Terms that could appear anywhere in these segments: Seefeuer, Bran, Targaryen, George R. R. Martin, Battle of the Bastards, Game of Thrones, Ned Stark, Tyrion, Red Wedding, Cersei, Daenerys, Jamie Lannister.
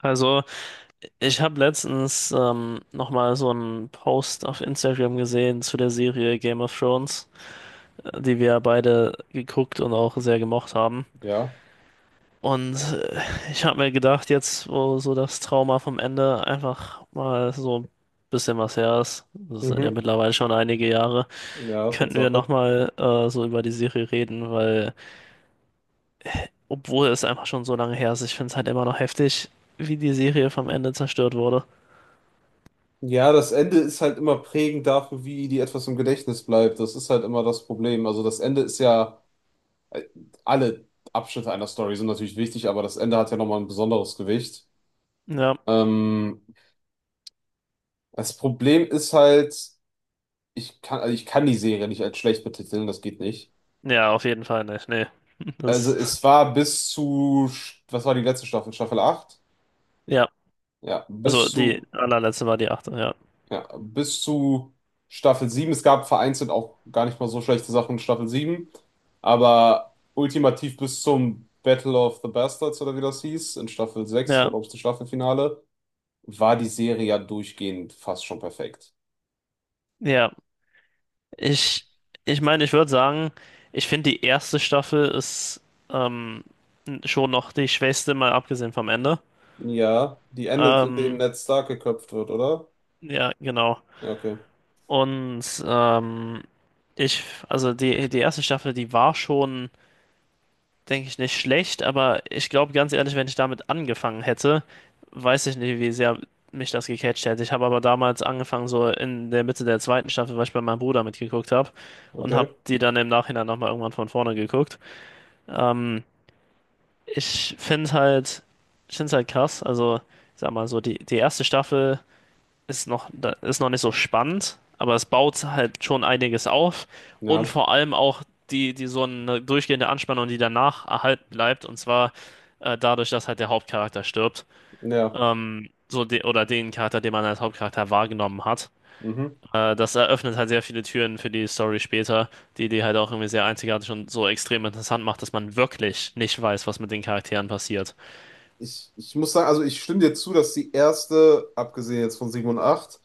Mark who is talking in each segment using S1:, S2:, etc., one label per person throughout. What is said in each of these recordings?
S1: Also, ich habe letztens nochmal so einen Post auf Instagram gesehen zu der Serie Game of Thrones, die wir beide geguckt und auch sehr gemocht haben.
S2: Ja.
S1: Und äh, ich habe mir gedacht, jetzt, wo so das Trauma vom Ende einfach mal so ein bisschen was her ist, das sind ja
S2: Mhm.
S1: mittlerweile schon einige Jahre,
S2: Ja,
S1: könnten wir
S2: Tatsache.
S1: nochmal so über die Serie reden, weil, obwohl es einfach schon so lange her ist, ich finde es halt immer noch heftig, wie die Serie vom Ende zerstört wurde.
S2: Ja, das Ende ist halt immer prägend dafür, wie die etwas im Gedächtnis bleibt. Das ist halt immer das Problem. Also das Ende ist ja, äh, alle Abschnitte einer Story sind natürlich wichtig, aber das Ende hat ja nochmal ein besonderes Gewicht.
S1: Ja.
S2: Ähm, Das Problem ist halt, also ich kann die Serie nicht als schlecht betiteln, das geht nicht.
S1: Ja, auf jeden Fall nicht. Nee.
S2: Also
S1: Das,
S2: es war bis zu, was war die letzte Staffel? Staffel acht.
S1: ja.
S2: Ja,
S1: Also
S2: bis
S1: die
S2: zu
S1: allerletzte war die achte, ja.
S2: Ja, bis zu Staffel sieben. Es gab vereinzelt auch gar nicht mal so schlechte Sachen in Staffel sieben. Aber ultimativ bis zum Battle of the Bastards oder wie das hieß, in Staffel sechs war,
S1: Ja,
S2: glaube ich, das Staffelfinale, war die Serie ja durchgehend fast schon perfekt.
S1: ja. Ich, ich meine, ich würde sagen, ich finde die erste Staffel ist ähm, schon noch die schwächste, mal abgesehen vom Ende.
S2: Ja, die endet, indem
S1: Ähm,
S2: Ned Stark geköpft wird, oder?
S1: ja, genau.
S2: Ja, okay.
S1: Und ähm, also die erste Staffel, die war schon, denke ich, nicht schlecht, aber ich glaube ganz ehrlich, wenn ich damit angefangen hätte, weiß ich nicht, wie sehr mich das gecatcht hätte. Ich habe aber damals angefangen, so in der Mitte der zweiten Staffel, weil ich bei meinem Bruder mitgeguckt habe und habe
S2: Okay.
S1: die dann im Nachhinein nochmal irgendwann von vorne geguckt. Ähm, ich finde halt, ich finde halt krass, also ich sag mal so, die erste Staffel ist noch, da ist noch nicht so spannend, aber es baut halt schon einiges auf, und
S2: Ja.
S1: vor allem auch die so eine durchgehende Anspannung, die danach erhalten bleibt, und zwar dadurch, dass halt der Hauptcharakter stirbt,
S2: Ja.
S1: so de oder den Charakter, den man als Hauptcharakter wahrgenommen hat.
S2: Mhm.
S1: Das eröffnet halt sehr viele Türen für die Story später, die halt auch irgendwie sehr einzigartig und so extrem interessant macht, dass man wirklich nicht weiß, was mit den Charakteren passiert.
S2: Ich muss sagen, also ich stimme dir zu, dass die erste, abgesehen jetzt von 7 und acht,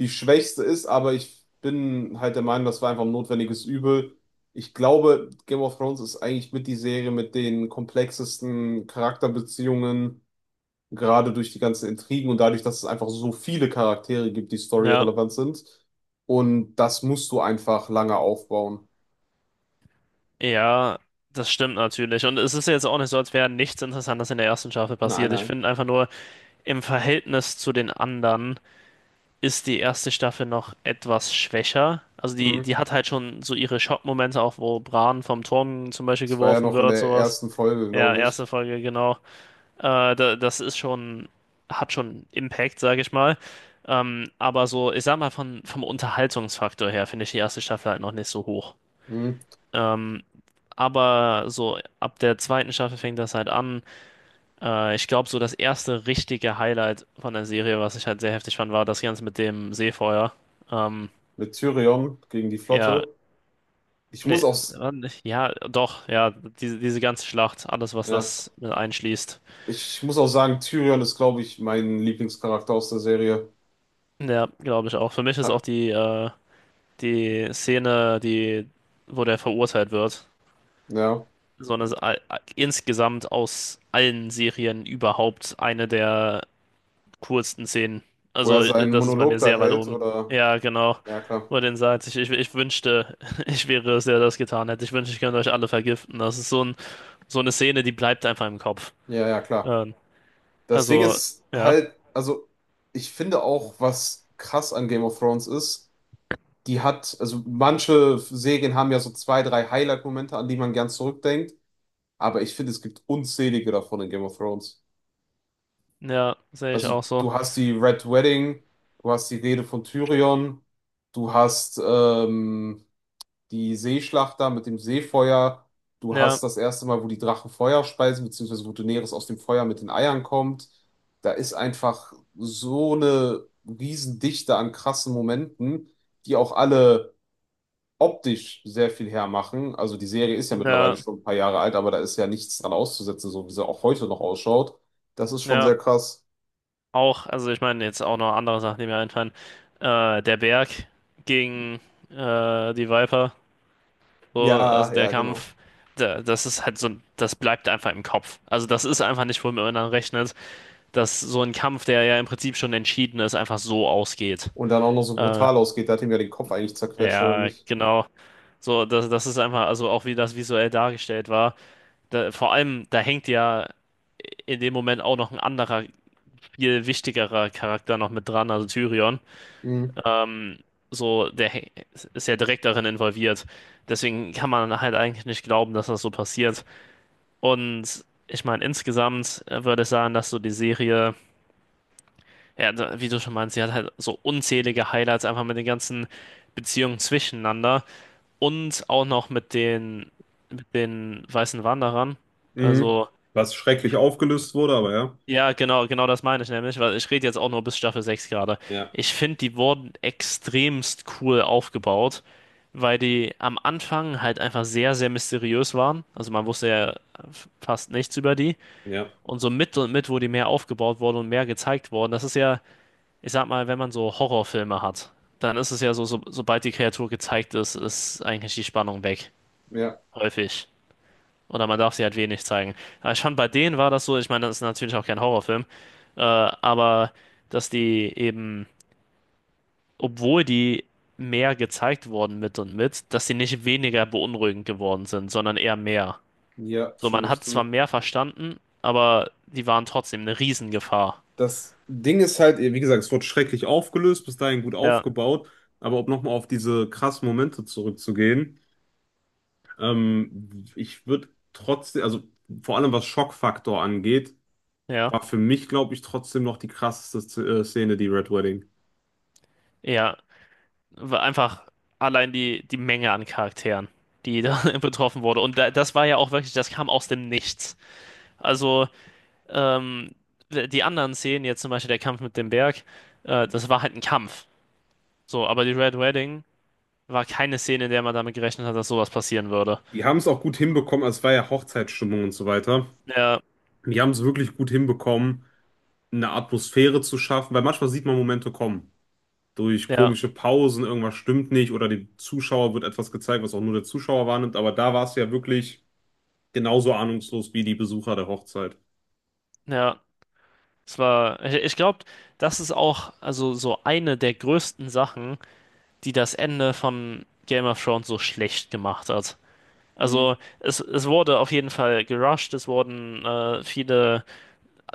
S2: die schwächste ist, aber ich bin halt der Meinung, das war einfach ein notwendiges Übel. Ich glaube, Game of Thrones ist eigentlich mit die Serie mit den komplexesten Charakterbeziehungen, gerade durch die ganzen Intrigen und dadurch, dass es einfach so viele Charaktere gibt, die
S1: Ja.
S2: storyrelevant sind. Und das musst du einfach lange aufbauen.
S1: Ja, das stimmt natürlich. Und es ist jetzt auch nicht so, als wäre nichts Interessantes in der ersten Staffel
S2: Nein,
S1: passiert. Ich
S2: nein.
S1: finde einfach nur, im Verhältnis zu den anderen ist die erste Staffel noch etwas schwächer. Also
S2: Mhm.
S1: die hat halt schon so ihre Schockmomente, auch wo Bran vom Turm zum Beispiel
S2: Das war ja
S1: geworfen
S2: noch in
S1: wird,
S2: der
S1: sowas.
S2: ersten Folge,
S1: Ja,
S2: glaube
S1: erste
S2: ich.
S1: Folge, genau. Das ist schon, hat schon Impact, sage ich mal. Aber so, ich sag mal, vom Unterhaltungsfaktor her finde ich die erste Staffel halt noch nicht so hoch.
S2: Mhm.
S1: Ähm, aber so ab der zweiten Staffel fängt das halt an. Ich glaube, so das erste richtige Highlight von der Serie, was ich halt sehr heftig fand, war das Ganze mit dem Seefeuer. Ähm,
S2: Mit Tyrion gegen die
S1: ja,
S2: Flotte. Ich muss
S1: nee,
S2: auch, s-
S1: war nicht- ja, doch, ja, diese ganze Schlacht, alles, was
S2: Ja.
S1: das mit einschließt.
S2: Ich muss auch sagen, Tyrion ist, glaube ich, mein Lieblingscharakter aus der Serie.
S1: Ja, glaube ich auch. Für mich ist
S2: Ja,
S1: auch die Szene, die, wo der verurteilt wird,
S2: ja.
S1: so eine, insgesamt aus allen Serien überhaupt eine der coolsten Szenen.
S2: Wo er
S1: Also,
S2: seinen
S1: das ist bei mir
S2: Monolog da
S1: sehr weit
S2: hält,
S1: oben.
S2: oder?
S1: Ja, genau.
S2: Ja, klar.
S1: Wo er den sagt, ich wünschte, ich wäre es, der das getan hätte. Ich wünschte, ich könnte euch alle vergiften. Das ist so ein, so eine Szene, die bleibt einfach im Kopf.
S2: Ja, ja, klar.
S1: Ähm,
S2: Das Ding
S1: also,
S2: ist
S1: ja.
S2: halt, also ich finde auch, was krass an Game of Thrones ist, die hat, also manche Serien haben ja so zwei, drei Highlight-Momente, an die man gern zurückdenkt, aber ich finde, es gibt unzählige davon in Game of Thrones.
S1: Ja, sehe ich
S2: Also
S1: auch so.
S2: du hast die Red Wedding, du hast die Rede von Tyrion, du hast, die Seeschlacht da mit dem Seefeuer. Du
S1: Ja,
S2: hast das erste Mal, wo die Drachen Feuer speisen, beziehungsweise wo Daenerys aus dem Feuer mit den Eiern kommt. Da ist einfach so eine Riesendichte an krassen Momenten, die auch alle optisch sehr viel hermachen. Also die Serie ist ja mittlerweile
S1: ja,
S2: schon ein paar Jahre alt, aber da ist ja nichts dran auszusetzen, so wie sie auch heute noch ausschaut. Das ist schon
S1: ja.
S2: sehr krass.
S1: Auch, also ich meine, jetzt auch noch andere Sachen, die mir einfallen. Der Berg gegen die Viper. So,
S2: Ja,
S1: also der
S2: ja, genau.
S1: Kampf, da, das ist halt so, das bleibt einfach im Kopf. Also das ist einfach nicht, womit man dann rechnet, dass so ein Kampf, der ja im Prinzip schon entschieden ist, einfach so ausgeht.
S2: Und dann auch noch so
S1: Äh,
S2: brutal ausgeht, da hat ihm ja den Kopf eigentlich zerquetscht, oder
S1: ja,
S2: nicht?
S1: genau. So, das ist einfach, also auch wie das visuell dargestellt war. Da, vor allem, da hängt ja in dem Moment auch noch ein anderer, viel wichtigerer Charakter noch mit dran, also Tyrion. Ähm, so, der hä- ist ja direkt darin involviert. Deswegen kann man halt eigentlich nicht glauben, dass das so passiert. Und ich meine, insgesamt würde ich sagen, dass so die Serie, ja, da- wie du schon meinst, sie hat halt so unzählige Highlights einfach mit den ganzen Beziehungen zwischeneinander und auch noch mit den weißen Wanderern.
S2: Mhm.
S1: Also,
S2: Was schrecklich aufgelöst wurde, aber ja.
S1: ja, genau, genau das meine ich nämlich, weil ich rede jetzt auch nur bis Staffel 6 gerade.
S2: Ja,
S1: Ich finde, die wurden extremst cool aufgebaut, weil die am Anfang halt einfach sehr, sehr mysteriös waren. Also man wusste ja fast nichts über die.
S2: ja.
S1: Und so mit und mit, wo die mehr aufgebaut wurden und mehr gezeigt wurden, das ist ja, ich sag mal, wenn man so Horrorfilme hat, dann ist es ja so, sobald die Kreatur gezeigt ist, ist eigentlich die Spannung weg.
S2: Ja,
S1: Häufig. Oder man darf sie halt wenig zeigen. Aber schon bei denen war das so, ich meine, das ist natürlich auch kein Horrorfilm, aber dass die eben, obwohl die mehr gezeigt wurden mit und mit, dass die nicht weniger beunruhigend geworden sind, sondern eher mehr.
S2: ja,
S1: So,
S2: stimme
S1: man
S2: ich
S1: hat zwar
S2: zu.
S1: mehr verstanden, aber die waren trotzdem eine Riesengefahr.
S2: Das Ding ist halt, wie gesagt, es wurde schrecklich aufgelöst, bis dahin gut
S1: Ja,
S2: aufgebaut, aber um nochmal auf diese krassen Momente zurückzugehen, ich würde trotzdem, also vor allem was Schockfaktor angeht,
S1: ja.
S2: war für mich, glaube ich, trotzdem noch die krasseste Szene, die Red Wedding.
S1: Ja, weil einfach allein die Menge an Charakteren, die
S2: Ja.
S1: da betroffen wurde. Und da, das war ja auch wirklich, das kam aus dem Nichts. Also, ähm, die anderen Szenen, jetzt zum Beispiel der Kampf mit dem Berg, das war halt ein Kampf. So, aber die Red Wedding war keine Szene, in der man damit gerechnet hat, dass sowas passieren würde.
S2: Die haben es auch gut hinbekommen, also es war ja Hochzeitsstimmung und so weiter.
S1: Ja,
S2: Die haben es wirklich gut hinbekommen, eine Atmosphäre zu schaffen, weil manchmal sieht man Momente kommen. Durch
S1: ja,
S2: komische Pausen, irgendwas stimmt nicht oder dem Zuschauer wird etwas gezeigt, was auch nur der Zuschauer wahrnimmt. Aber da war es ja wirklich genauso ahnungslos wie die Besucher der Hochzeit.
S1: ja. Es war, ich glaube, das ist auch also so eine der größten Sachen, die das Ende von Game of Thrones so schlecht gemacht hat.
S2: Mhm.
S1: Also es wurde auf jeden Fall gerusht, es wurden viele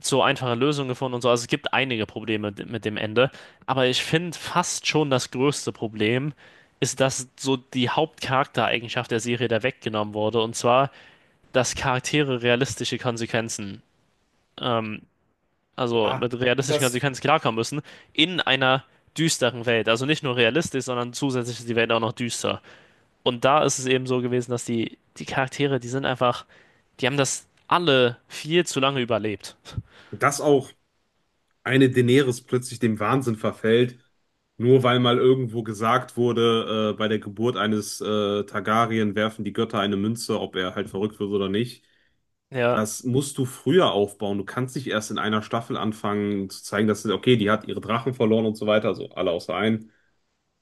S1: so einfache Lösungen gefunden und so. Also es gibt einige Probleme d- mit dem Ende, aber ich finde fast schon das größte Problem ist, dass so die Hauptcharaktereigenschaft der Serie da weggenommen wurde und zwar, dass Charaktere realistische Konsequenzen, ähm, also
S2: Ja,
S1: mit realistischen
S2: das,
S1: Konsequenzen klarkommen müssen in einer düsteren Welt. Also nicht nur realistisch, sondern zusätzlich ist die Welt auch noch düster. Und da ist es eben so gewesen, dass die Charaktere, die sind einfach, die haben das alle viel zu lange überlebt.
S2: Dass auch eine Daenerys plötzlich dem Wahnsinn verfällt, nur weil mal irgendwo gesagt wurde, bei der Geburt eines Targaryen werfen die Götter eine Münze, ob er halt verrückt wird oder nicht.
S1: Ja,
S2: Das musst du früher aufbauen. Du kannst nicht erst in einer Staffel anfangen zu zeigen, dass, okay, die hat ihre Drachen verloren und so weiter, also alle außer einen.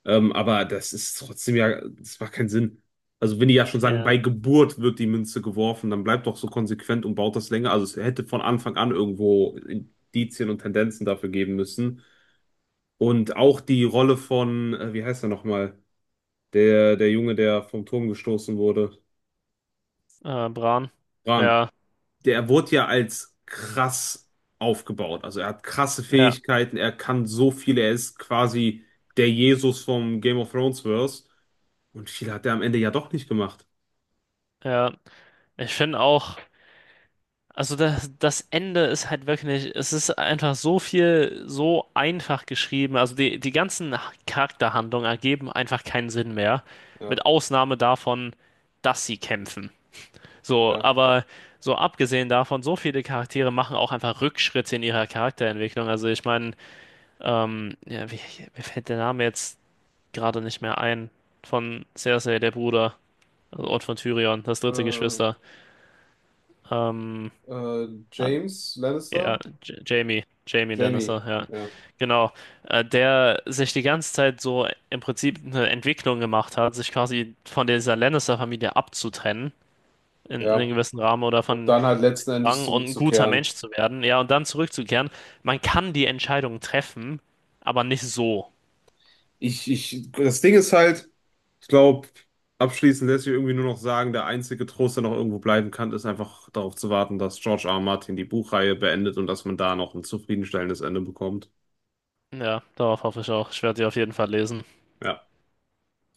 S2: Aber das ist trotzdem ja, das macht keinen Sinn. Also wenn die ja schon sagen,
S1: ja,
S2: bei Geburt wird die Münze geworfen, dann bleibt doch so konsequent und baut das länger. Also es hätte von Anfang an irgendwo Indizien und Tendenzen dafür geben müssen. Und auch die Rolle von, wie heißt er nochmal? Der, der Junge, der vom Turm gestoßen wurde.
S1: Bran.
S2: Bran.
S1: Ja,
S2: Der wurde ja als krass aufgebaut. Also er hat krasse
S1: ja,
S2: Fähigkeiten, er kann so viel, er ist quasi der Jesus vom Game of Thrones Verse. Und viel hat er am Ende ja doch nicht gemacht.
S1: ja. Ich finde auch, also das Ende ist halt wirklich, es ist einfach so viel, so einfach geschrieben. Also die ganzen Charakterhandlungen ergeben einfach keinen Sinn mehr.
S2: Ja,
S1: Mit Ausnahme davon, dass sie kämpfen. So,
S2: ja.
S1: aber so abgesehen davon, so viele Charaktere machen auch einfach Rückschritte in ihrer Charakterentwicklung. Also ich meine, ähm, ja, wie, mir fällt der Name jetzt gerade nicht mehr ein. Von Cersei, der Bruder, also Ort von Tyrion, das dritte
S2: Äh,
S1: Geschwister. Ähm, ah,
S2: James
S1: ja,
S2: Lannister?
S1: J Jamie, Jamie
S2: Jamie,
S1: Lannister, ja.
S2: ja.
S1: Genau. Der sich die ganze Zeit so im Prinzip eine Entwicklung gemacht hat, sich quasi von dieser Lannister-Familie abzutrennen. In einem
S2: Ja.
S1: gewissen Rahmen oder
S2: Und
S1: von
S2: dann halt letzten Endes
S1: Rang und ein guter
S2: zurückzukehren.
S1: Mensch zu werden, ja, und dann zurückzukehren. Man kann die Entscheidung treffen, aber nicht so.
S2: Das Ding ist halt. Ich glaube, abschließend lässt sich irgendwie nur noch sagen, der einzige Trost, der noch irgendwo bleiben kann, ist einfach darauf zu warten, dass George R. R. Martin die Buchreihe beendet und dass man da noch ein zufriedenstellendes Ende bekommt.
S1: Ja, darauf hoffe ich auch. Ich werde die auf jeden Fall lesen.
S2: Ja.